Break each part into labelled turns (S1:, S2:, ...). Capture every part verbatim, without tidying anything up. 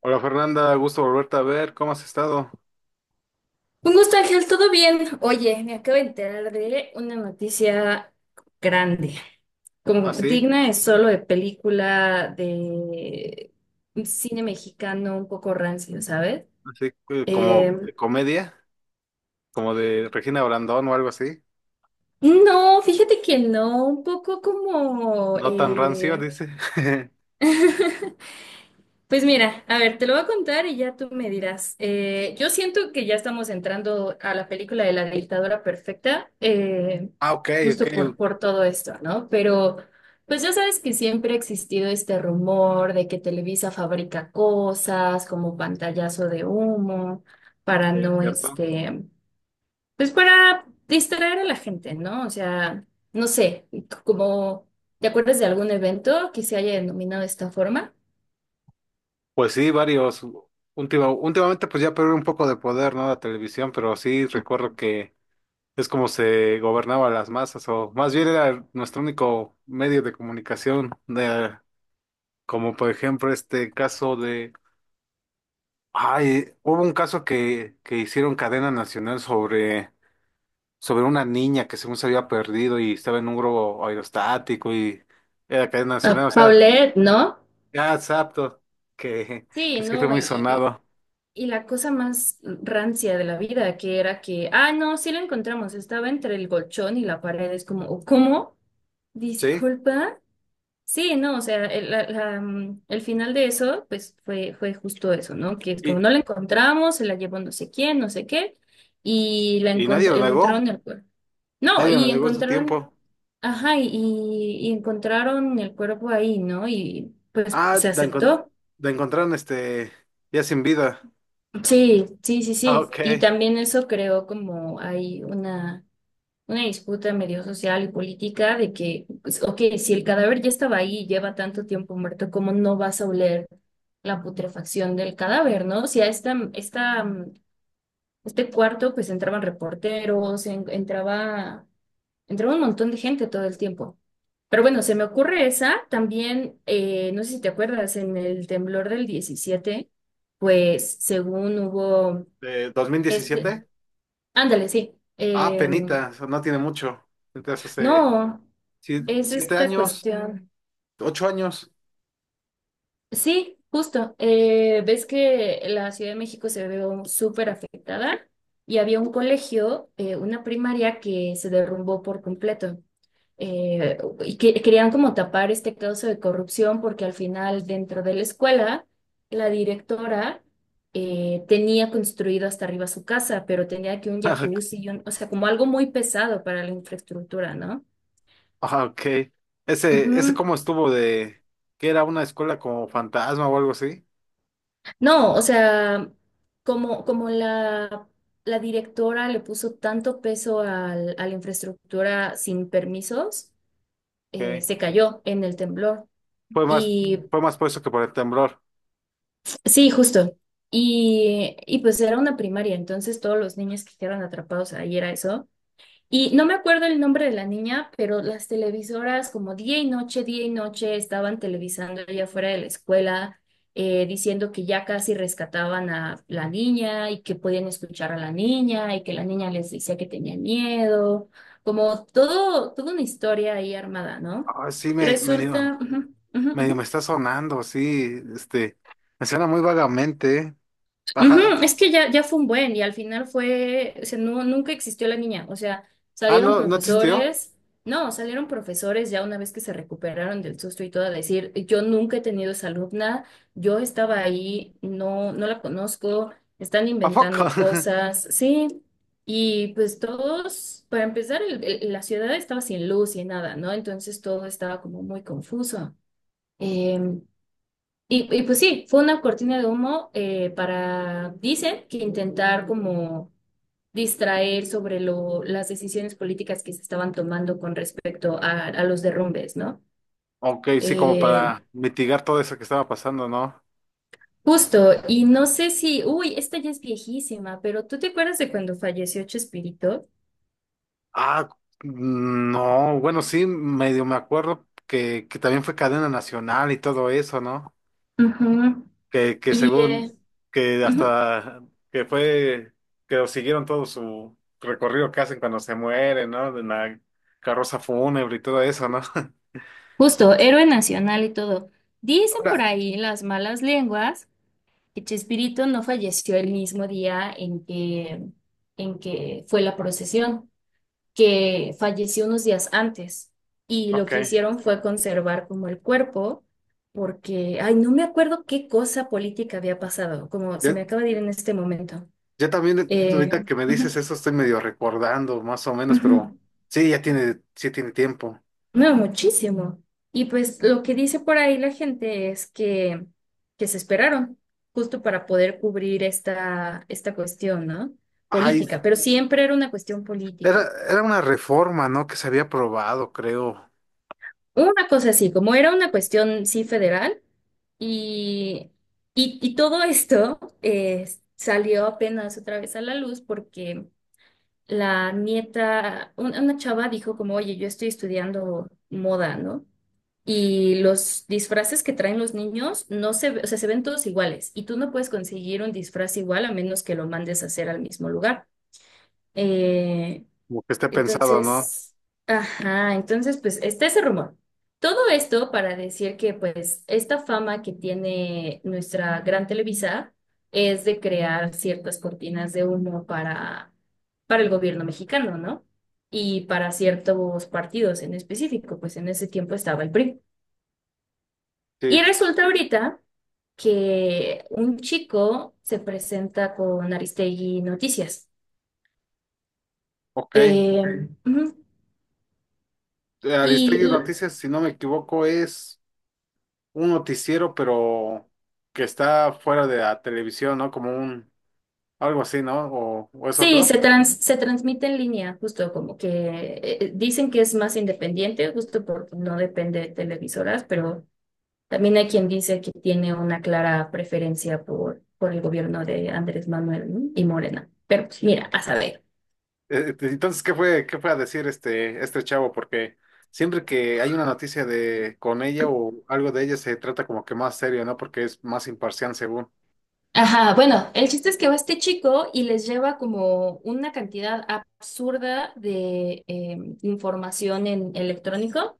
S1: Hola Fernanda, gusto volverte a ver. ¿Cómo has estado?
S2: Un gusto, Ángel, ¿todo bien? Oye, me acabo de enterar de una noticia grande, como
S1: ¿Así?
S2: digna es solo de película de cine mexicano un poco rancio, ¿sabes?
S1: ¿Así que como
S2: Eh,
S1: de comedia? ¿Como de Regina Brandón o algo así?
S2: no, fíjate que no, un poco como
S1: No tan rancio,
S2: eh,
S1: dice.
S2: Pues mira, a ver, te lo voy a contar y ya tú me dirás. Eh, yo siento que ya estamos entrando a la película de la dictadura perfecta, eh,
S1: Ah, ok, ok,
S2: justo por,
S1: sí,
S2: por todo esto, ¿no? Pero pues ya sabes que siempre ha existido este rumor de que Televisa fabrica cosas como pantallazo de humo para
S1: es
S2: no,
S1: cierto.
S2: este, pues para distraer a la gente, ¿no? O sea, no sé, como, ¿te acuerdas de algún evento que se haya denominado de esta forma?
S1: Pues sí, varios. Última- últimamente pues ya perdió un poco de poder, ¿no? La televisión, pero sí recuerdo que es como se gobernaba las masas, o más bien era nuestro único medio de comunicación, de, como por ejemplo este caso de... Ay, hubo un caso que, que hicieron cadena nacional sobre, sobre una niña que según se había perdido y estaba en un globo aerostático y era cadena
S2: Ah,
S1: nacional, o sea,
S2: Paulette, ¿no?
S1: ya exacto, que,
S2: Sí,
S1: que sí fue
S2: no,
S1: muy
S2: y, y-
S1: sonado.
S2: y la cosa más rancia de la vida, que era que, ah, no, sí lo encontramos, estaba entre el colchón y la pared, es como, "Oh, ¿cómo?
S1: Sí,
S2: Disculpa." Sí, no, o sea, el, la- la, mm, el final de eso, pues fue, fue justo eso, ¿no? Que es como
S1: y,
S2: no la encontramos, se la llevó no sé quién, no sé qué, y la
S1: y nadie
S2: encontr-
S1: lo
S2: encontraron
S1: negó,
S2: el cuerpo. No,
S1: nadie lo
S2: y
S1: negó en su
S2: encontraron,
S1: tiempo.
S2: ajá, y, y encontraron el cuerpo ahí, ¿no? Y pues
S1: Ah,
S2: se
S1: la, encon-
S2: aceptó.
S1: la encontraron este ya sin vida.
S2: Sí, sí, sí,
S1: Ah,
S2: sí. Y
S1: ok.
S2: también eso creó como hay una, una disputa medio social y política de que, pues, ok, si el cadáver ya estaba ahí y lleva tanto tiempo muerto, ¿cómo no vas a oler la putrefacción del cadáver, no? Si a esta, esta, mm, este cuarto pues entraban reporteros, en- entraba, entraba un montón de gente todo el tiempo. Pero bueno, se me ocurre esa. También, eh, no sé si te acuerdas, en el temblor del diecisiete, pues según hubo
S1: ¿De dos mil
S2: este,
S1: diecisiete
S2: ándale, sí.
S1: Ah,
S2: Em,
S1: penita, o sea, no tiene mucho. Entonces hace
S2: no,
S1: si-
S2: es
S1: siete
S2: esta
S1: años,
S2: cuestión.
S1: ocho años.
S2: Sí, justo. Eh, ves que la Ciudad de México se vio súper afectada y había un colegio, eh, una primaria que se derrumbó por completo. Eh, y que, querían como tapar este caso de corrupción porque al final dentro de la escuela la directora eh, tenía construido hasta arriba su casa, pero tenía que un jacuzzi, y un- o sea, como algo muy pesado para la infraestructura, ¿no?
S1: Ah, ok. Ese, ese
S2: Ujú.
S1: cómo estuvo de que era una escuela como fantasma o algo así.
S2: No, o sea, como, como la, la directora le puso tanto peso al- a la infraestructura sin permisos, eh,
S1: Ok.
S2: se cayó en el temblor.
S1: Fue más,
S2: Y
S1: fue más por eso que por el temblor.
S2: sí, justo. Y, y pues era una primaria, entonces todos los niños que quedaron atrapados ahí era eso. Y no me acuerdo el nombre de la niña, pero las televisoras como día y noche, día y noche estaban televisando allá afuera de la escuela, eh, diciendo que ya casi rescataban a la niña y que podían escuchar a la niña y que la niña les decía que tenía miedo, como todo, toda una historia ahí armada, ¿no?
S1: Ah, sí, me, medio,
S2: Resulta, ujú, ujú,
S1: medio me
S2: ujú.
S1: está sonando, sí, este, me suena muy vagamente. ¿Eh? Ajá.
S2: Ujú. Es que ya, ya fue un buen y al final fue, o sea, no, nunca existió la niña, o sea,
S1: Ah,
S2: salieron
S1: no, no existió.
S2: profesores, no, salieron profesores ya una vez que se recuperaron del susto y todo a decir, yo nunca he tenido esa alumna, yo estaba ahí, no, no la conozco, están
S1: ¿A poco?
S2: inventando cosas, sí, y pues todos, para empezar, el- el- la ciudad estaba sin luz y nada, ¿no? Entonces todo estaba como muy confuso. em, y, y pues sí, fue una cortina de humo eh, para, dicen, que intentar como distraer sobre lo, las decisiones políticas que se estaban tomando con respecto a, a los derrumbes, ¿no?
S1: Ok, sí, como
S2: Eh,
S1: para mitigar todo eso que estaba pasando, ¿no?
S2: justo, y no sé si, uy, esta ya es viejísima, pero ¿tú te acuerdas de cuando falleció Chespirito?
S1: Ah, mm, no, bueno, sí, medio me acuerdo que, que también fue cadena nacional y todo eso, ¿no?
S2: Ujú.
S1: que, que
S2: Y
S1: según,
S2: eh,
S1: que
S2: ujú.
S1: hasta, que fue, que lo siguieron todo su recorrido que hacen cuando se mueren, ¿no? De la carroza fúnebre y todo eso, ¿no?
S2: Justo, héroe nacional y todo. Dicen por
S1: Ahora,
S2: ahí las malas lenguas que Chespirito no falleció el mismo día en que, en que fue la procesión, que falleció unos días antes. Y lo
S1: ok.
S2: que hicieron fue conservar como el cuerpo, porque, ay, no me acuerdo qué cosa política había pasado, como se me
S1: Yo,
S2: acaba de ir en este momento.
S1: yo también,
S2: Eh,
S1: ahorita que me dices
S2: ujú,
S1: eso, estoy medio recordando, más o menos, pero
S2: ujú.
S1: sí, ya tiene, sí tiene tiempo.
S2: No, muchísimo. Y pues lo que dice por ahí la gente es que, que se esperaron justo para poder cubrir esta, esta cuestión, ¿no?
S1: Ay,
S2: Política, pero siempre era una cuestión
S1: era,
S2: política.
S1: era una reforma, ¿no? Que se había aprobado, creo.
S2: Una cosa así, como era una cuestión, sí, federal, y, y, y todo esto eh, salió apenas otra vez a la luz porque la nieta, un- una chava dijo como, oye, yo estoy estudiando moda, ¿no? Y los disfraces que traen los niños no se, ve- o sea, se ven todos iguales y tú no puedes conseguir un disfraz igual a menos que lo mandes a hacer al mismo lugar. Eh,
S1: Como que esté pensado, ¿no?
S2: entonces, ajá, entonces pues está ese rumor. Todo esto para decir que pues esta fama que tiene nuestra gran Televisa es de crear ciertas cortinas de humo para, para el gobierno mexicano, ¿no? Y para ciertos partidos en específico, pues en ese tiempo estaba el P R I.
S1: Sí,
S2: Y resulta ahorita que un chico se presenta con Aristegui Noticias.
S1: ok. Eh,
S2: Eh, ujú, y
S1: Aristegui
S2: ok.
S1: Noticias, si no me equivoco, es un noticiero, pero que está fuera de la televisión, ¿no? Como un, algo así, ¿no? O, o es
S2: Sí,
S1: otro.
S2: se trans- se transmite en línea, justo como que eh, eh, dicen que es más independiente, justo porque no depende de televisoras, pero también hay quien dice que tiene una clara preferencia por, por el gobierno de Andrés Manuel, ¿no?, y Morena. Pero pues, mira, a saber.
S1: Eh, eh, Entonces, ¿qué fue, qué fue a decir este, este chavo? Porque siempre que hay una noticia de con ella o algo de ella se trata como que más serio, ¿no? Porque es más imparcial, según.
S2: Ajá, bueno, el chiste es que va este chico y les lleva como una cantidad absurda de eh, información en electrónico.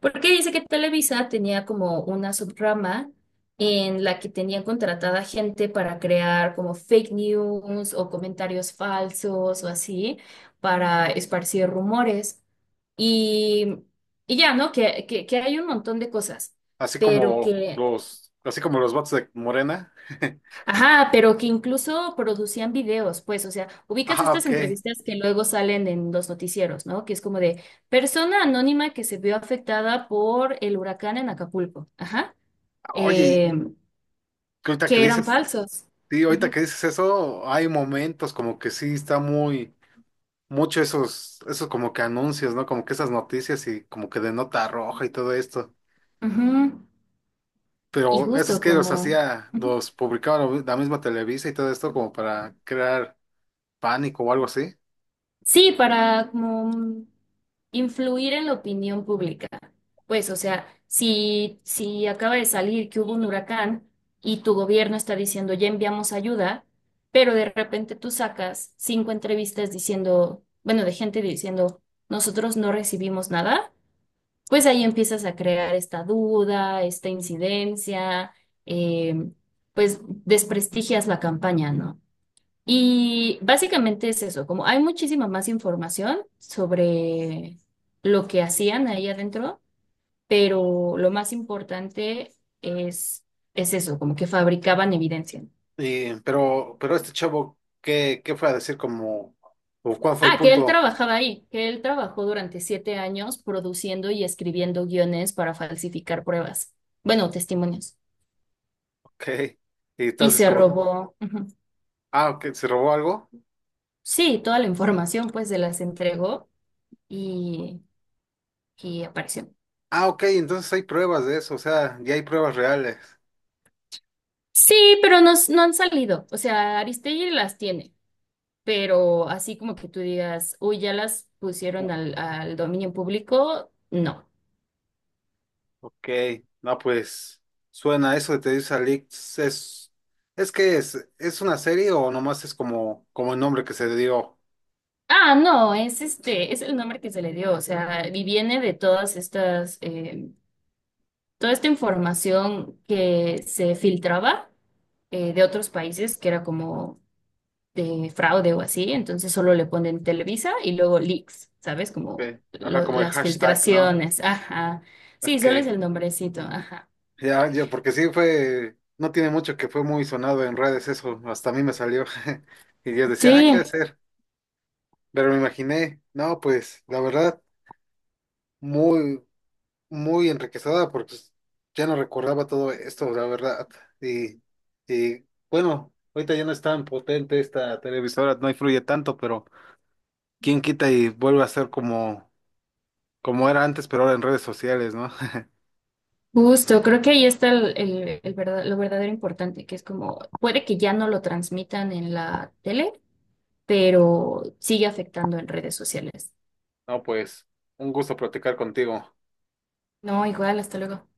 S2: Porque dice que Televisa tenía como una subrama en la que tenían contratada gente para crear como fake news o comentarios falsos o así para esparcir rumores. Y, y ya, ¿no? Que, que, que hay un montón de cosas,
S1: Así
S2: pero
S1: como
S2: que,
S1: los, así como los bots de Morena.
S2: ajá, pero que incluso producían videos, pues, o sea, ubicas
S1: Ah,
S2: estas
S1: ok.
S2: entrevistas que luego salen en los noticieros, ¿no? Que es como de persona anónima que se vio afectada por el huracán en Acapulco. Ajá.
S1: Oye,
S2: eh,
S1: que ahorita que
S2: que eran
S1: dices,
S2: falsos.
S1: sí, ahorita
S2: Ujú,
S1: que dices eso, hay momentos como que sí está muy mucho esos, esos como que anuncios, ¿no? Como que esas noticias y como que de nota roja y todo esto.
S2: ujú. Y
S1: Pero esos
S2: justo
S1: que los
S2: como,
S1: hacía,
S2: ujú.
S1: los publicaba la la misma Televisa y todo esto como para crear pánico o algo así.
S2: Sí, para como mm, influir en la opinión pública. Pues, o sea, si, si acaba de salir que hubo un huracán y tu gobierno está diciendo ya enviamos ayuda, pero de repente tú sacas cinco entrevistas diciendo, bueno, de gente diciendo, nosotros no recibimos nada, pues ahí empiezas a crear esta duda, esta incidencia, eh, pues desprestigias la campaña, ¿no? Y básicamente es eso, como hay muchísima más información sobre lo que hacían ahí adentro, pero lo más importante es, es eso, como que fabricaban evidencia.
S1: Y, pero, pero este chavo, ¿qué, qué fue a decir como, o cuál fue el
S2: Ah, que él
S1: punto?
S2: trabajaba ahí, que él trabajó durante siete años produciendo y escribiendo guiones para falsificar pruebas, bueno, testimonios,
S1: Ok. Y
S2: y
S1: entonces
S2: se
S1: como,
S2: robó. Ujú.
S1: ah, ok, ¿se robó algo?
S2: Sí, toda la información pues se las entregó y, y apareció.
S1: Ah, ok, entonces hay pruebas de eso, o sea, ya hay pruebas reales.
S2: Sí, pero no, s- no han salido. O sea, Aristegui las tiene, pero así como que tú digas, uy, ya las pusieron al, al dominio público, no.
S1: Ok, no, pues suena eso de Te dice Alix, es, es que es, es una serie o nomás es como, como el nombre que se dio,
S2: Ah, no, es este, es el nombre que se le dio. O sea, y viene de todas estas, eh, toda esta información que se filtraba eh, de otros países, que era como de fraude o así, entonces solo le ponen Televisa y luego leaks, ¿sabes? Como
S1: ok, ajá,
S2: lo-
S1: como el
S2: las
S1: hashtag, ¿no?
S2: filtraciones, ajá. Sí, solo es
S1: Ok,
S2: el nombrecito, ajá.
S1: ya, ya, porque sí fue, no tiene mucho que fue muy sonado en redes eso, hasta a mí me salió, y yo decía, ah, ¿qué
S2: Sí,
S1: sí hacer? Pero me imaginé, no, pues, la verdad, muy, muy enriquecedora porque pues, ya no recordaba todo esto, la verdad. Y, y bueno, ahorita ya no es tan potente esta televisora, no influye tanto, pero quién quita y vuelve a ser como, como era antes, pero ahora en redes sociales, ¿no?
S2: justo, creo que ahí está el, el- el verdad- lo verdadero importante, que es como, puede que ya no lo transmitan en la tele, pero sigue afectando en redes sociales.
S1: No, pues, un gusto platicar contigo.
S2: No, igual, hasta luego.